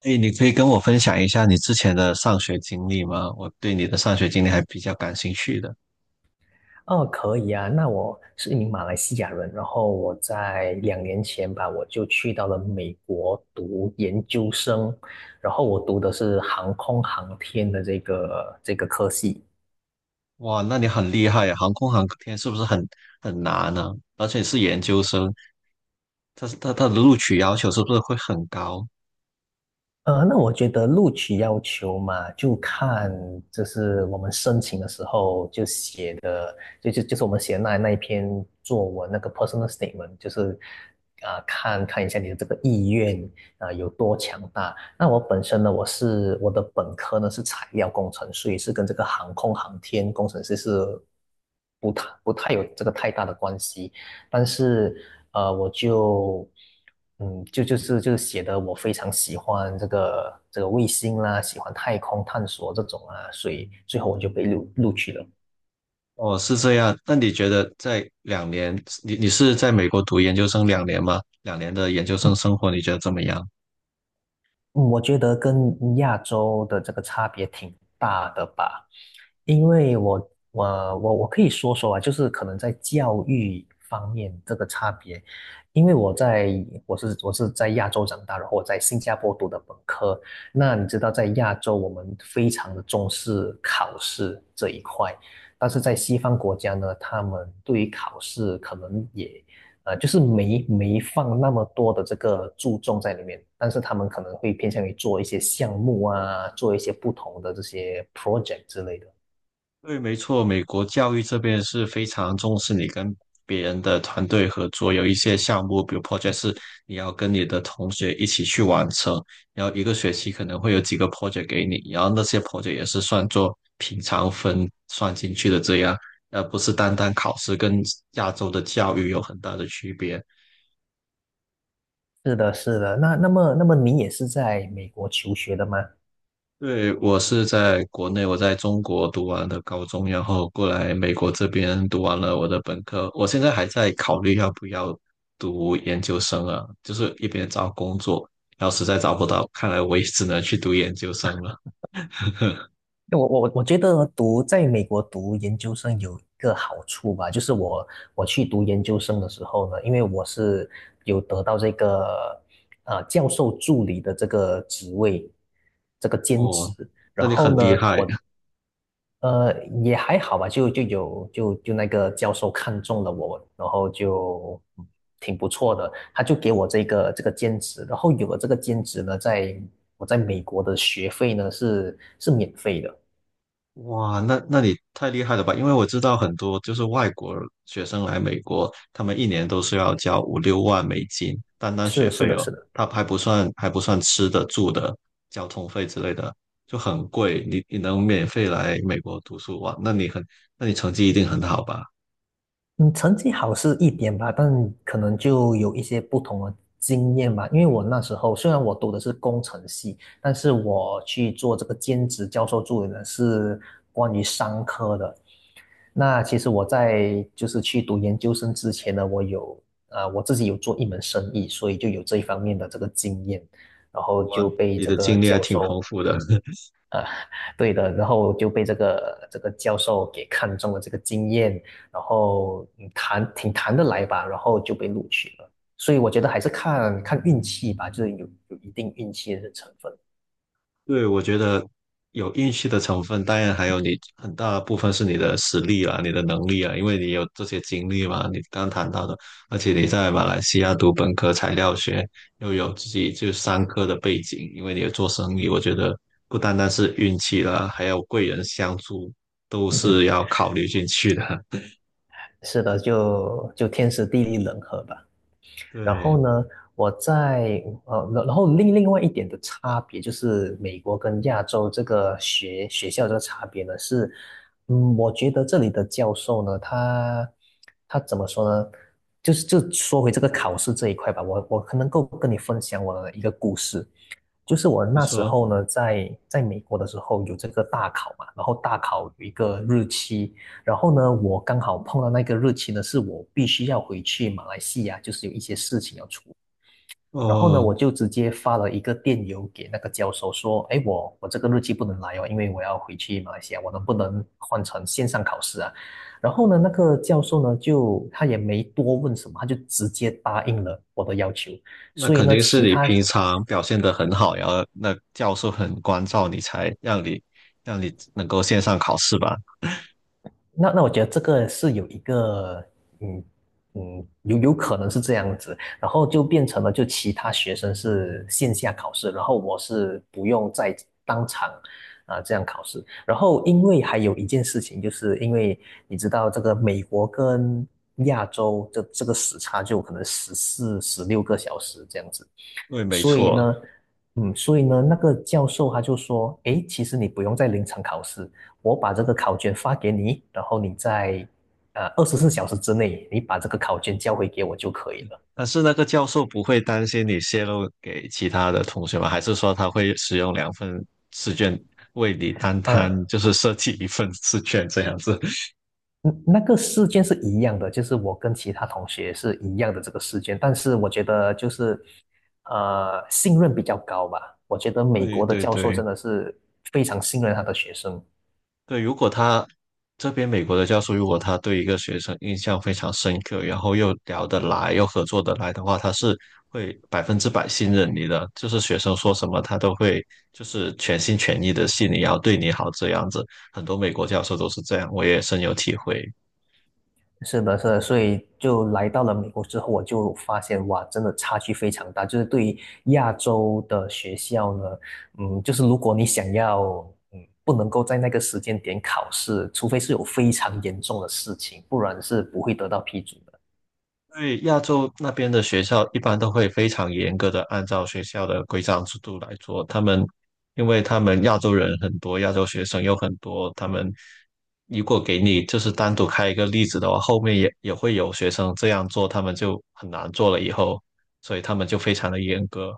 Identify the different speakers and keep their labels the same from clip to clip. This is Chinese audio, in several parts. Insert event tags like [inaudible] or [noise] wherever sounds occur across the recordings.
Speaker 1: 哎，你可以跟我分享一下你之前的上学经历吗？我对你的上学经历还比较感兴趣的。
Speaker 2: 哦，可以啊。那我是一名马来西亚人，然后我在2年前吧，我就去到了美国读研究生，然后我读的是航空航天的这个科系。
Speaker 1: 哇，那你很厉害呀！航空航天是不是很难呢、而且是研究生，他的录取要求是不是会很高？
Speaker 2: 那我觉得录取要求嘛，就看就是我们申请的时候就写的，就是我们写的那一篇作文那个 personal statement，就是看看一下你的这个意愿有多强大。那我本身呢，我的本科呢是材料工程，所以是跟这个航空航天工程师是不太有这个太大的关系。但是我就就是写的我非常喜欢这个卫星啦，喜欢太空探索这种啊，所以最后我就被录取了。
Speaker 1: 哦，是这样。那你觉得在两年，你是在美国读研究生两年吗？两年的研究生生活你觉得怎么样？
Speaker 2: 嗯我觉得跟亚洲的这个差别挺大的吧，因为我可以说说啊，就是可能在教育方面这个差别，因为我在我是在亚洲长大，然后我在新加坡读的本科，那你知道在亚洲我们非常的重视考试这一块，但是在西方国家呢，他们对于考试可能也就是没放那么多的这个注重在里面，但是他们可能会偏向于做一些项目啊，做一些不同的这些 project 之类的。
Speaker 1: 对，没错，美国教育这边是非常重视你跟别人的团队合作，有一些项目，比如 project 是你要跟你的同学一起去完成，然后一个学期可能会有几个 project 给你，然后那些 project 也是算作平常分算进去的，这样，而不是单单考试，跟亚洲的教育有很大的区别。
Speaker 2: 是的，是的。那么你也是在美国求学的吗？
Speaker 1: 对，我是在国内，我在中国读完的高中，然后过来美国这边读完了我的本科。我现在还在考虑要不要读研究生啊，就是一边找工作，然后实在找不到，看来我也只能去读研究生了。
Speaker 2: 因为我觉得读在美国读研究生有一个好处吧，就是我去读研究生的时候呢，因为我是有得到这个教授助理的这个职位，这个兼
Speaker 1: 哦，
Speaker 2: 职。
Speaker 1: 那
Speaker 2: 然
Speaker 1: 你很
Speaker 2: 后
Speaker 1: 厉
Speaker 2: 呢，
Speaker 1: 害。
Speaker 2: 我呃，也还好吧，就有那个教授看中了我，然后就挺不错的，他就给我这个兼职，然后有了这个兼职呢，在我在美国的学费呢是免费的。
Speaker 1: 哇，那你太厉害了吧？因为我知道很多就是外国学生来美国，他们一年都是要交5、6万美金，单单学
Speaker 2: 是，是
Speaker 1: 费
Speaker 2: 的，
Speaker 1: 哦，
Speaker 2: 是的。
Speaker 1: 他还不算吃的、住的、交通费之类的，就很贵。你能免费来美国读书哇？那你很，那你成绩一定很好吧？
Speaker 2: 嗯，成绩好是一点吧，但可能就有一些不同的经验吧，因为我那时候虽然我读的是工程系，但是我去做这个兼职教授助理呢是关于商科的，那其实我在就是去读研究生之前呢，我有我自己有做一门生意，所以就有这一方面的这个经验，然后
Speaker 1: 哇，
Speaker 2: 就被
Speaker 1: 你
Speaker 2: 这
Speaker 1: 的
Speaker 2: 个
Speaker 1: 经历还
Speaker 2: 教
Speaker 1: 挺
Speaker 2: 授。
Speaker 1: 丰富的。
Speaker 2: 对的，然后就被这个教授给看中了这个经验，然后挺谈得来吧，然后就被录取了。所以我觉得还是看看运气吧，就是有一定运气的成分。
Speaker 1: 对，我觉得有运气的成分，当然还有你很大部分是你的实力啊，你的能力啊，因为你有这些经历嘛，你刚谈到的，而且你在马来西亚读本科材料学，又有自己就商科的背景，因为你有做生意，我觉得不单单是运气啦，还有贵人相助，都
Speaker 2: [laughs] 嗯，
Speaker 1: 是要考虑进去的。[laughs]
Speaker 2: 是的，就天时地利人和吧。然后
Speaker 1: 对，
Speaker 2: 呢，我在然后另外一点的差别就是美国跟亚洲这个学校这个差别呢是，我觉得这里的教授呢，他怎么说呢？就是就说回这个考试这一块吧，我可能够跟你分享我的一个故事。就是我
Speaker 1: 你
Speaker 2: 那时
Speaker 1: 说，
Speaker 2: 候呢，在美国的时候有这个大考嘛，然后大考有一个日期，然后呢，我刚好碰到那个日期呢，是我必须要回去马来西亚，就是有一些事情要处理。然后呢，
Speaker 1: 哦。
Speaker 2: 我就直接发了一个电邮给那个教授说，哎，我这个日期不能来哦，因为我要回去马来西亚，我能不能换成线上考试啊？然后呢，那个教授呢，就他也没多问什么，他就直接答应了我的要求。
Speaker 1: 那
Speaker 2: 所以
Speaker 1: 肯
Speaker 2: 呢，
Speaker 1: 定是
Speaker 2: 其
Speaker 1: 你
Speaker 2: 他
Speaker 1: 平常表现的很好，然后那教授很关照你，才让你让你能够线上考试吧？
Speaker 2: 那我觉得这个是有一个，嗯有可能是这样子，然后就变成了就其他学生是线下考试，然后我是不用再当场这样考试，然后因为还有一件事情，就是因为你知道这个美国跟亚洲这个时差就可能14、16个小时这样子，
Speaker 1: 对，没
Speaker 2: 所以
Speaker 1: 错。
Speaker 2: 呢，所以呢，那个教授他就说，诶，其实你不用在临场考试，我把这个考卷发给你，然后你在24小时之内，你把这个考卷交回给我就可以了。
Speaker 1: 但是那个教授不会担心你泄露给其他的同学吗？还是说他会使用两份试卷为你单摊，
Speaker 2: 呃，
Speaker 1: 就是设计一份试卷这样子？[laughs]
Speaker 2: 嗯那个事件是一样的，就是我跟其他同学是一样的这个事件，但是我觉得就是信任比较高吧，我觉得美
Speaker 1: 对
Speaker 2: 国的
Speaker 1: 对
Speaker 2: 教授
Speaker 1: 对。
Speaker 2: 真的是非常信任他的学生。
Speaker 1: 对，如果他这边美国的教授，如果他对一个学生印象非常深刻，然后又聊得来，又合作得来的话，他是会100%信任你的，就是学生说什么他都会就是全心全意的信你，然后对你好这样子。很多美国教授都是这样，我也深有体会。
Speaker 2: 是的，是的，所以就来到了美国之后，我就发现哇，真的差距非常大。就是对于亚洲的学校呢，就是如果你想要，嗯，不能够在那个时间点考试，除非是有非常严重的事情，不然是不会得到批准的。
Speaker 1: 对，亚洲那边的学校一般都会非常严格的按照学校的规章制度来做。他们，因为他们亚洲人很多，亚洲学生有很多，他们如果给你就是单独开一个例子的话，后面也会有学生这样做，他们就很难做了以后，所以他们就非常的严格。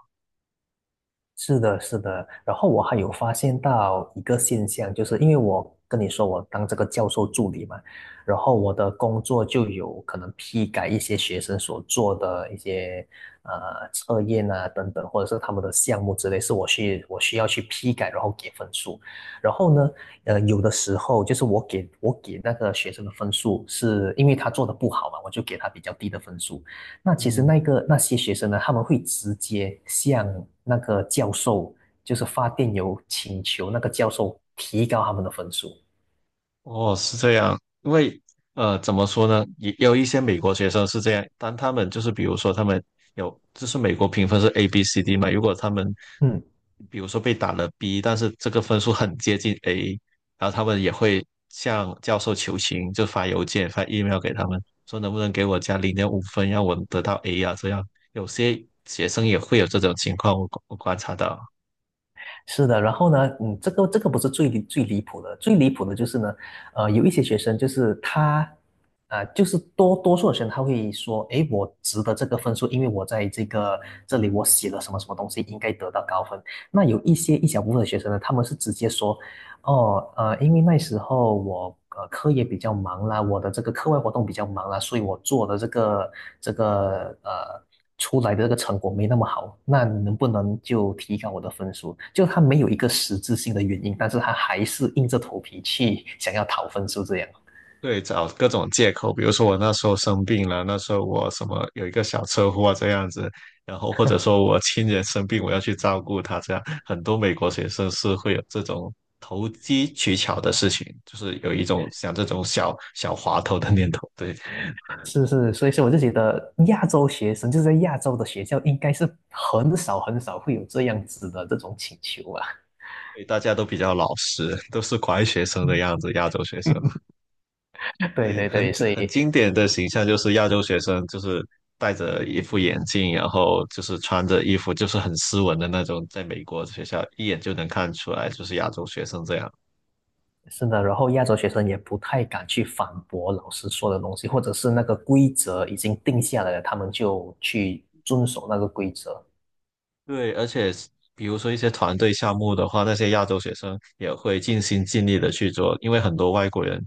Speaker 2: 是的，是的。然后我还有发现到一个现象，就是因为我跟你说我当这个教授助理嘛，然后我的工作就有可能批改一些学生所做的一些呃测验啊等等，或者是他们的项目之类，是我需要去批改，然后给分数。然后呢，有的时候就是我给那个学生的分数，是因为他做的不好嘛，我就给他比较低的分数。那其实
Speaker 1: 嗯。
Speaker 2: 那些学生呢，他们会直接向那个教授，就是发电邮请求那个教授提高他们的分数。
Speaker 1: 哦，是这样，因为呃，怎么说呢，也也有一些美国学生是这样，当他们就是比如说他们有，就是美国评分是 A、B、C、D 嘛，如果他们
Speaker 2: 嗯，
Speaker 1: 比如说被打了 B，但是这个分数很接近 A，然后他们也会向教授求情，就发邮件、发 email 给他们，说能不能给我加0.5分，让我得到 A 啊，这样有些学生也会有这种情况，我我观察到。
Speaker 2: 是的。然后呢，这个不是最离谱的，最离谱的就是呢，有一些学生就是他。就是多数的学生他会说，诶，我值得这个分数，因为我在这里我写了什么什么东西，应该得到高分。那有一小部分的学生呢，他们是直接说，哦，因为那时候我课业比较忙啦，我的这个课外活动比较忙啦，所以我做的这个出来的这个成果没那么好。那能不能就提高我的分数？就他没有一个实质性的原因，但是他还是硬着头皮去想要讨分数这样。
Speaker 1: 对，找各种借口，比如说我那时候生病了，那时候我什么有一个小车祸啊这样子，然后或者说我亲人生病，我要去照顾他，这样很多美国学生是会有这种投机取巧的事情，就是有一种想这种小小滑头的念头。对，
Speaker 2: 是，是，所以说我就觉得亚洲学生就是在亚洲的学校应该是很少很少会有这样子的这种请求啊。
Speaker 1: 所以大家都比较老实，都是乖学生的
Speaker 2: 嗯，
Speaker 1: 样子，亚洲学生。
Speaker 2: 对
Speaker 1: 对，
Speaker 2: 对对，所
Speaker 1: 很
Speaker 2: 以
Speaker 1: 经典的形象就是亚洲学生，就是戴着一副眼镜，然后就是穿着衣服，就是很斯文的那种，在美国学校一眼就能看出来就是亚洲学生这样。
Speaker 2: 是的，然后亚洲学生也不太敢去反驳老师说的东西，或者是那个规则已经定下来了，他们就去遵守那个规则。
Speaker 1: 对，而且是比如说一些团队项目的话，那些亚洲学生也会尽心尽力的去做，因为很多外国人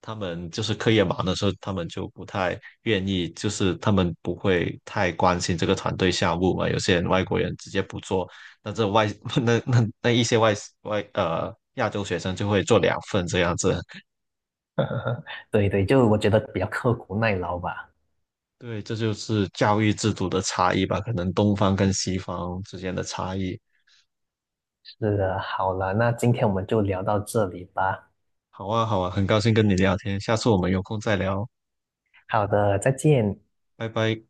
Speaker 1: 他们就是课业忙的时候，他们就不太愿意，就是他们不会太关心这个团队项目嘛。有些人外国人直接不做，那这外 [laughs] 那一些外外呃亚洲学生就会做两份这样子。
Speaker 2: [laughs] 对对，就我觉得比较刻苦耐劳吧。
Speaker 1: 对，这就是教育制度的差异吧，可能东方跟西方之间的差异。
Speaker 2: 是的，好了，那今天我们就聊到这里吧。
Speaker 1: 好啊，好啊，很高兴跟你聊天，下次我们有空再聊，
Speaker 2: 好的，再见。
Speaker 1: 拜拜。